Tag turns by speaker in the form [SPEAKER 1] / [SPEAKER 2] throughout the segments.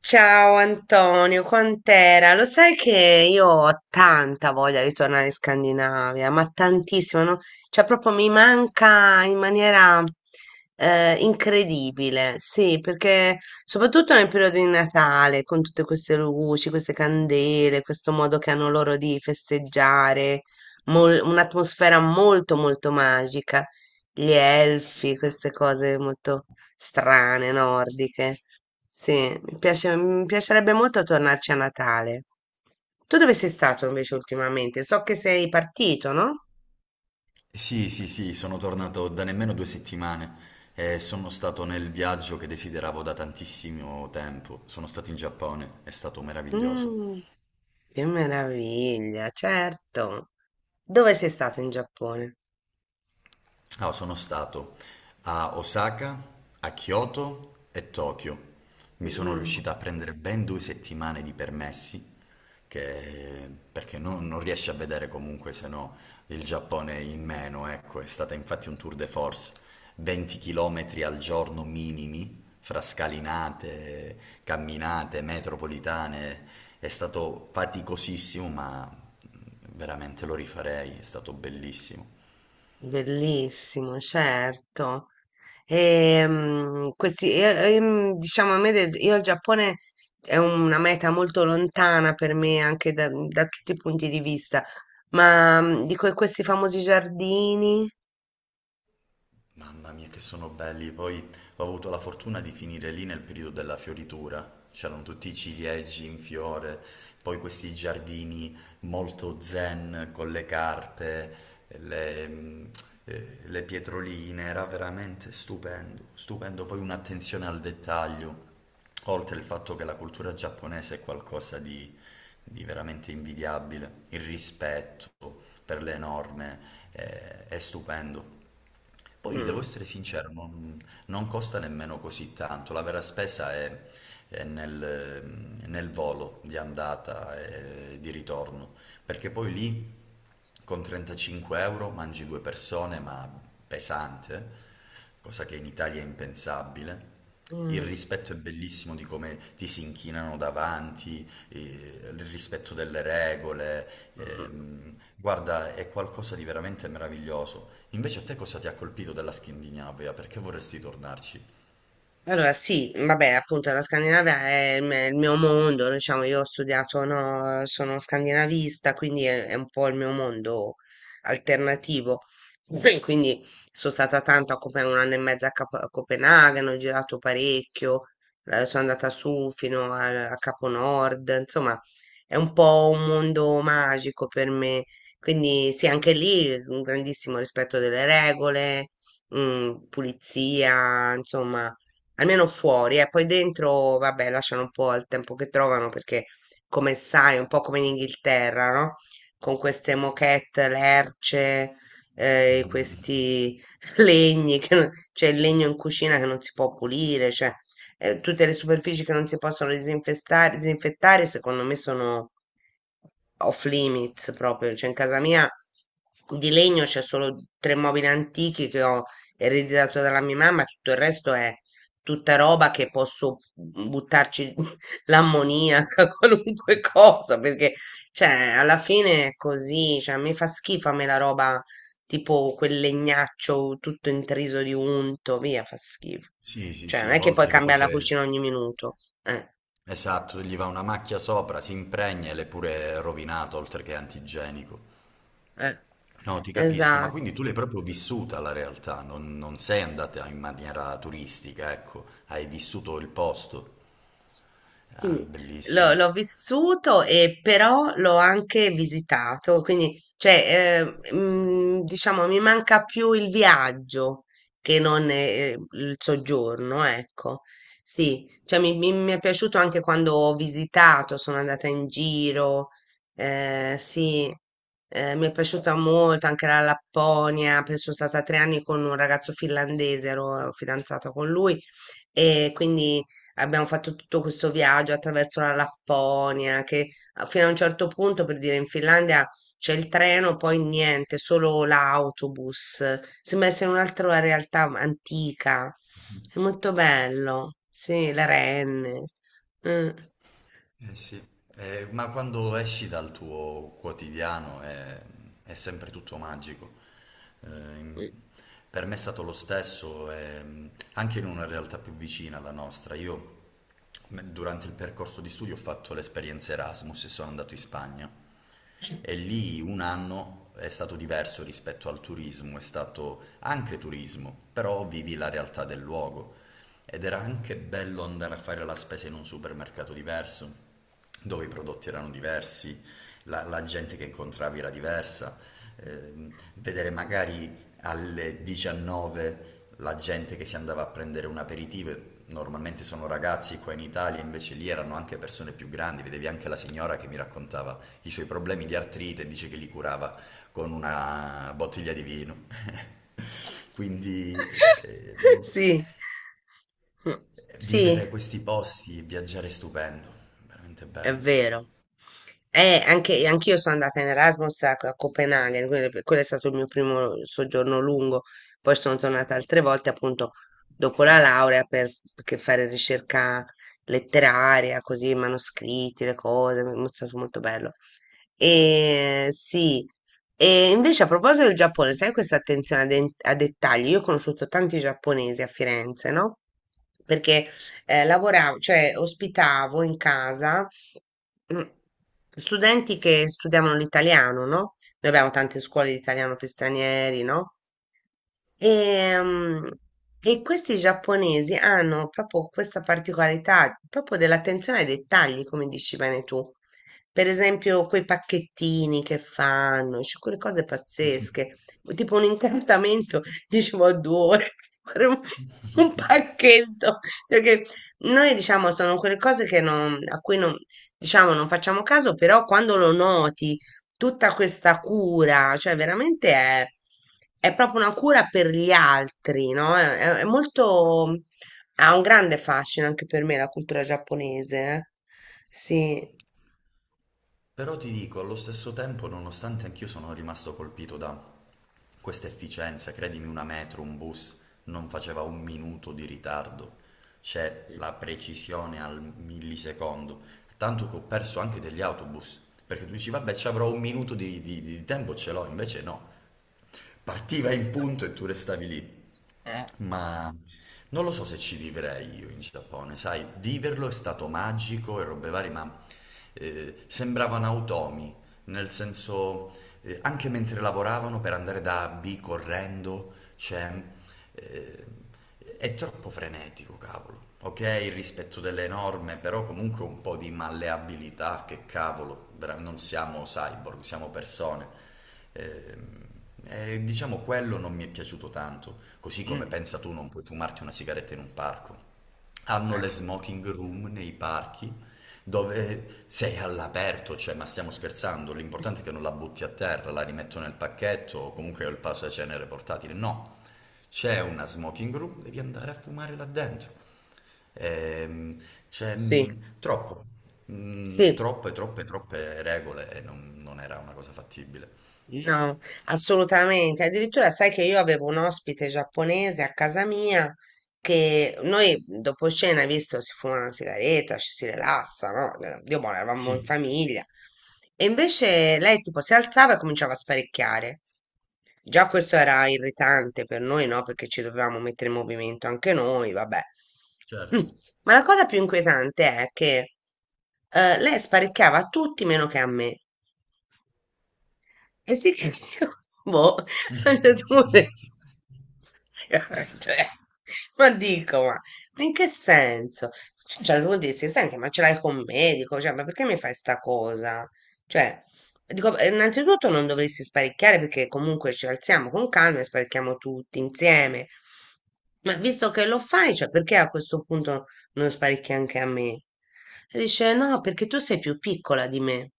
[SPEAKER 1] Ciao Antonio, quant'era? Lo sai che io ho tanta voglia di tornare in Scandinavia, ma tantissimo, no? Cioè proprio mi manca in maniera incredibile, sì, perché soprattutto nel periodo di Natale, con tutte queste luci, queste candele, questo modo che hanno loro di festeggiare, un'atmosfera molto molto magica, gli elfi, queste cose molto strane, nordiche. Sì, mi piacerebbe molto tornarci a Natale. Tu dove sei stato invece ultimamente? So che sei partito, no?
[SPEAKER 2] Sì, sì, sì, sono tornato da nemmeno 2 settimane e sono stato nel viaggio che desideravo da tantissimo tempo. Sono stato in Giappone, è stato meraviglioso.
[SPEAKER 1] Mm, che meraviglia, certo. Dove sei stato in Giappone?
[SPEAKER 2] Ah, sono stato a Osaka, a Kyoto e Tokyo. Mi sono
[SPEAKER 1] Mm.
[SPEAKER 2] riuscito a prendere ben 2 settimane di permessi, che- perché no- non riesci a vedere comunque se no il Giappone in meno, ecco, è stata infatti un tour de force, 20 km al giorno minimi, fra scalinate, camminate, metropolitane, è stato faticosissimo, ma veramente lo rifarei, è stato bellissimo.
[SPEAKER 1] Bellissimo, certo. Questi, diciamo, io il Giappone è una meta molto lontana per me anche da tutti i punti di vista, ma dico, e questi famosi giardini?
[SPEAKER 2] Mamma mia, che sono belli. Poi ho avuto la fortuna di finire lì nel periodo della fioritura. C'erano tutti i ciliegi in fiore, poi questi giardini molto zen con le carpe, le, mm, le pietroline. Era veramente stupendo, stupendo. Poi un'attenzione al dettaglio, oltre il fatto che la cultura giapponese è qualcosa di veramente invidiabile. Il rispetto per le norme è stupendo. Poi devo
[SPEAKER 1] Mm,
[SPEAKER 2] essere sincero, non costa nemmeno così tanto. La vera spesa è nel volo di andata e di ritorno, perché poi lì con 35 euro mangi due persone, ma pesante, eh? Cosa che in Italia è impensabile. Il
[SPEAKER 1] mm,
[SPEAKER 2] rispetto è bellissimo di come ti si inchinano davanti, il rispetto delle regole,
[SPEAKER 1] mm.
[SPEAKER 2] guarda, è qualcosa di veramente meraviglioso. Invece a te cosa ti ha colpito della Scandinavia? Perché vorresti tornarci?
[SPEAKER 1] Allora, sì, vabbè, appunto la Scandinavia è il mio mondo, diciamo, io ho studiato, no, sono scandinavista, quindi è un po' il mio mondo alternativo. Beh, quindi sono stata tanto a Copenaghen, un anno e mezzo a Copenaghen, ho girato parecchio, sono andata su fino a Capo Nord, insomma, è un po' un mondo magico per me. Quindi sì, anche lì un grandissimo rispetto delle regole, pulizia, insomma almeno fuori, e poi dentro, vabbè, lasciano un po' il tempo che trovano perché, come sai, un po' come in Inghilterra, no? Con queste moquette, lerce, questi legni, che non- cioè il legno in cucina che non si può pulire, cioè tutte le superfici che non si possono disinfettare, secondo me sono off limits proprio, cioè in casa mia di legno c'è solo tre mobili antichi che ho ereditato dalla mia mamma, tutto il resto è tutta roba che posso buttarci l'ammoniaca, qualunque cosa, perché cioè, alla fine è così, cioè, mi fa schifo a me la roba tipo quel legnaccio tutto intriso di unto, via, fa schifo.
[SPEAKER 2] Sì, sì,
[SPEAKER 1] Cioè, non
[SPEAKER 2] sì,
[SPEAKER 1] è che puoi
[SPEAKER 2] oltre che poi
[SPEAKER 1] cambiare la cucina
[SPEAKER 2] se...
[SPEAKER 1] ogni minuto. Eh,
[SPEAKER 2] Esatto, gli va una macchia sopra, si impregna e l'è pure rovinato, oltre che antigenico.
[SPEAKER 1] eh,
[SPEAKER 2] No, ti capisco, ma
[SPEAKER 1] esatto.
[SPEAKER 2] quindi tu l'hai proprio vissuta la realtà, non sei andata in maniera turistica, ecco, hai vissuto il posto. Ah,
[SPEAKER 1] Sì, l'ho
[SPEAKER 2] bellissimo.
[SPEAKER 1] l'ho vissuto e però l'ho anche visitato, quindi cioè, diciamo mi manca più il viaggio che non il soggiorno, ecco. Sì, cioè, mi è piaciuto anche quando ho visitato, sono andata in giro, sì, mi è piaciuta molto anche la Lapponia, poi sono stata 3 anni con un ragazzo finlandese, ero fidanzata con lui e quindi abbiamo fatto tutto questo viaggio attraverso la Lapponia, che fino a un certo punto, per dire, in Finlandia c'è il treno, poi niente, solo l'autobus. Sembra essere un'altra realtà antica. È molto bello. Sì, le renne. Mm.
[SPEAKER 2] Eh sì. Ma quando esci dal tuo quotidiano è sempre tutto magico. Eh,
[SPEAKER 1] Mm.
[SPEAKER 2] per me è stato lo stesso, anche in una realtà più vicina alla nostra. Io durante il percorso di studio ho fatto l'esperienza Erasmus e sono andato in Spagna. E lì un anno è stato diverso rispetto al turismo, è stato anche turismo, però vivi la realtà del luogo. Ed era anche bello andare a fare la spesa in un supermercato diverso, dove i prodotti erano diversi, la gente che incontravi era diversa, vedere magari alle 19 la gente che si andava a prendere un aperitivo, e normalmente sono ragazzi qua in Italia, invece lì erano anche persone più grandi, vedevi anche la signora che mi raccontava i suoi problemi di artrite e dice che li curava con una bottiglia di vino. Quindi... eh,
[SPEAKER 1] Sì. Mm. Sì.
[SPEAKER 2] Vivere questi posti, viaggiare è stupendo, veramente
[SPEAKER 1] È
[SPEAKER 2] bello.
[SPEAKER 1] vero. Anche, anch'io sono andata in Erasmus a Copenaghen, quindi quello è stato il mio primo soggiorno lungo. Poi sono tornata altre volte, appunto, dopo la laurea perché fare ricerca letteraria, così, manoscritti, le cose, mi è stato molto bello. E sì, e invece a proposito del Giappone, sai questa attenzione a dettagli? Io ho conosciuto tanti giapponesi a Firenze, no? Perché lavoravo, cioè ospitavo in casa mm, studenti che studiavano l'italiano, no? Noi abbiamo tante scuole di italiano per stranieri, no? Ehm, E, questi giapponesi hanno proprio questa particolarità, proprio dell'attenzione ai dettagli, come dici bene tu. Per esempio, quei pacchettini che fanno, cioè quelle cose pazzesche, tipo un incantamento, dicevo, a 2 ore per fare un pacchetto. Cioè che noi diciamo sono quelle cose che non- a cui non, diciamo, non facciamo caso, però quando lo noti, tutta questa cura, cioè veramente è proprio una cura per gli altri, no? È, è molto, ha un grande fascino anche per me la cultura giapponese, eh. Sì,
[SPEAKER 2] Però ti dico, allo stesso tempo, nonostante anch'io sono rimasto colpito da questa efficienza, credimi, una metro, un bus non faceva un minuto di ritardo, c'è la precisione al millisecondo, tanto che ho perso anche degli autobus, perché tu dici, vabbè, ci avrò un minuto di tempo, ce l'ho, invece no, partiva in punto e tu restavi lì. Ma non lo so se ci vivrei io in Giappone, sai, viverlo è stato magico e robe varie, ma sembravano automi, nel senso, anche mentre lavoravano per andare da A a B correndo, cioè, eh, è troppo frenetico, cavolo. Ok, il rispetto delle norme, però comunque un po' di malleabilità, che cavolo, non siamo cyborg, siamo persone. Ehm, E, diciamo quello non mi è piaciuto tanto, così come
[SPEAKER 1] Mm.
[SPEAKER 2] pensa tu non puoi fumarti una sigaretta in un parco. Hanno
[SPEAKER 1] Eh,
[SPEAKER 2] le smoking room nei parchi dove sei all'aperto, cioè ma stiamo scherzando, l'importante è che non la butti a terra, la rimetto nel pacchetto o comunque ho il cenere portatile. No, c'è una smoking room, devi andare a fumare là dentro. Ehm, c'è
[SPEAKER 1] sì,
[SPEAKER 2] troppo,
[SPEAKER 1] sì.
[SPEAKER 2] troppe, troppe, troppe regole e non era una cosa fattibile.
[SPEAKER 1] No, assolutamente. Addirittura sai che io avevo un ospite giapponese a casa mia che noi dopo cena, visto, si fuma una sigaretta, ci si rilassa, no? Dio buono, eravamo in
[SPEAKER 2] Sì,
[SPEAKER 1] famiglia. E invece lei tipo si alzava e cominciava a sparecchiare. Già questo era irritante per noi, no? Perché ci dovevamo mettere in movimento anche noi, vabbè. Mm.
[SPEAKER 2] certo.
[SPEAKER 1] Ma la cosa più inquietante è che lei sparecchiava a tutti meno che a me. E sì che io, boh, ho detto, "Vabbè". Cioè, ma dico, ma in che senso? Cioè, devo dirsi, senti, ma ce l'hai con un medico? Cioè, ma perché mi fai sta cosa? Cioè, dico, innanzitutto non dovresti sparicchiare perché comunque ci alziamo con calma e sparicchiamo tutti insieme. Ma visto che lo fai, cioè, perché a questo punto non sparicchi anche a me? E dice, no, perché tu sei più piccola di me.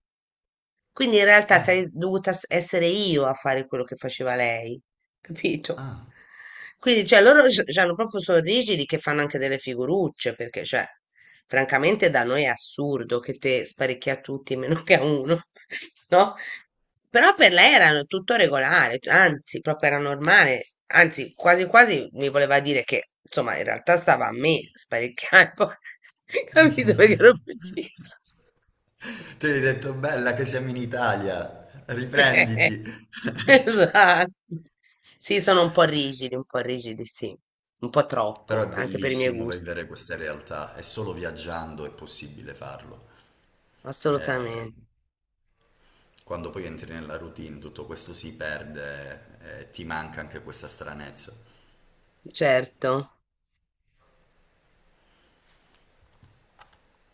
[SPEAKER 1] Quindi in realtà
[SPEAKER 2] Ah,
[SPEAKER 1] sarei dovuta essere io a fare quello che faceva lei, capito?
[SPEAKER 2] ah.
[SPEAKER 1] Quindi, cioè, loro hanno proprio sono rigidi che fanno anche delle figurucce, perché, cioè, francamente da noi è assurdo che te sparecchi a tutti meno che a uno, no? Però per lei era tutto regolare, anzi, proprio era normale, anzi, quasi quasi mi voleva dire che, insomma, in realtà stava a me sparecchiare, poi, capito? Perché ero più
[SPEAKER 2] Tu gli hai detto bella che siamo in Italia, riprenditi.
[SPEAKER 1] Esatto. Sì, sono un po' rigidi, sì, un po'
[SPEAKER 2] Però
[SPEAKER 1] troppo,
[SPEAKER 2] è
[SPEAKER 1] anche per i miei
[SPEAKER 2] bellissimo
[SPEAKER 1] gusti.
[SPEAKER 2] vivere queste realtà, è solo viaggiando è possibile farlo. Eh,
[SPEAKER 1] Assolutamente.
[SPEAKER 2] quando poi entri nella routine tutto questo si perde, e ti manca anche questa stranezza.
[SPEAKER 1] Certo.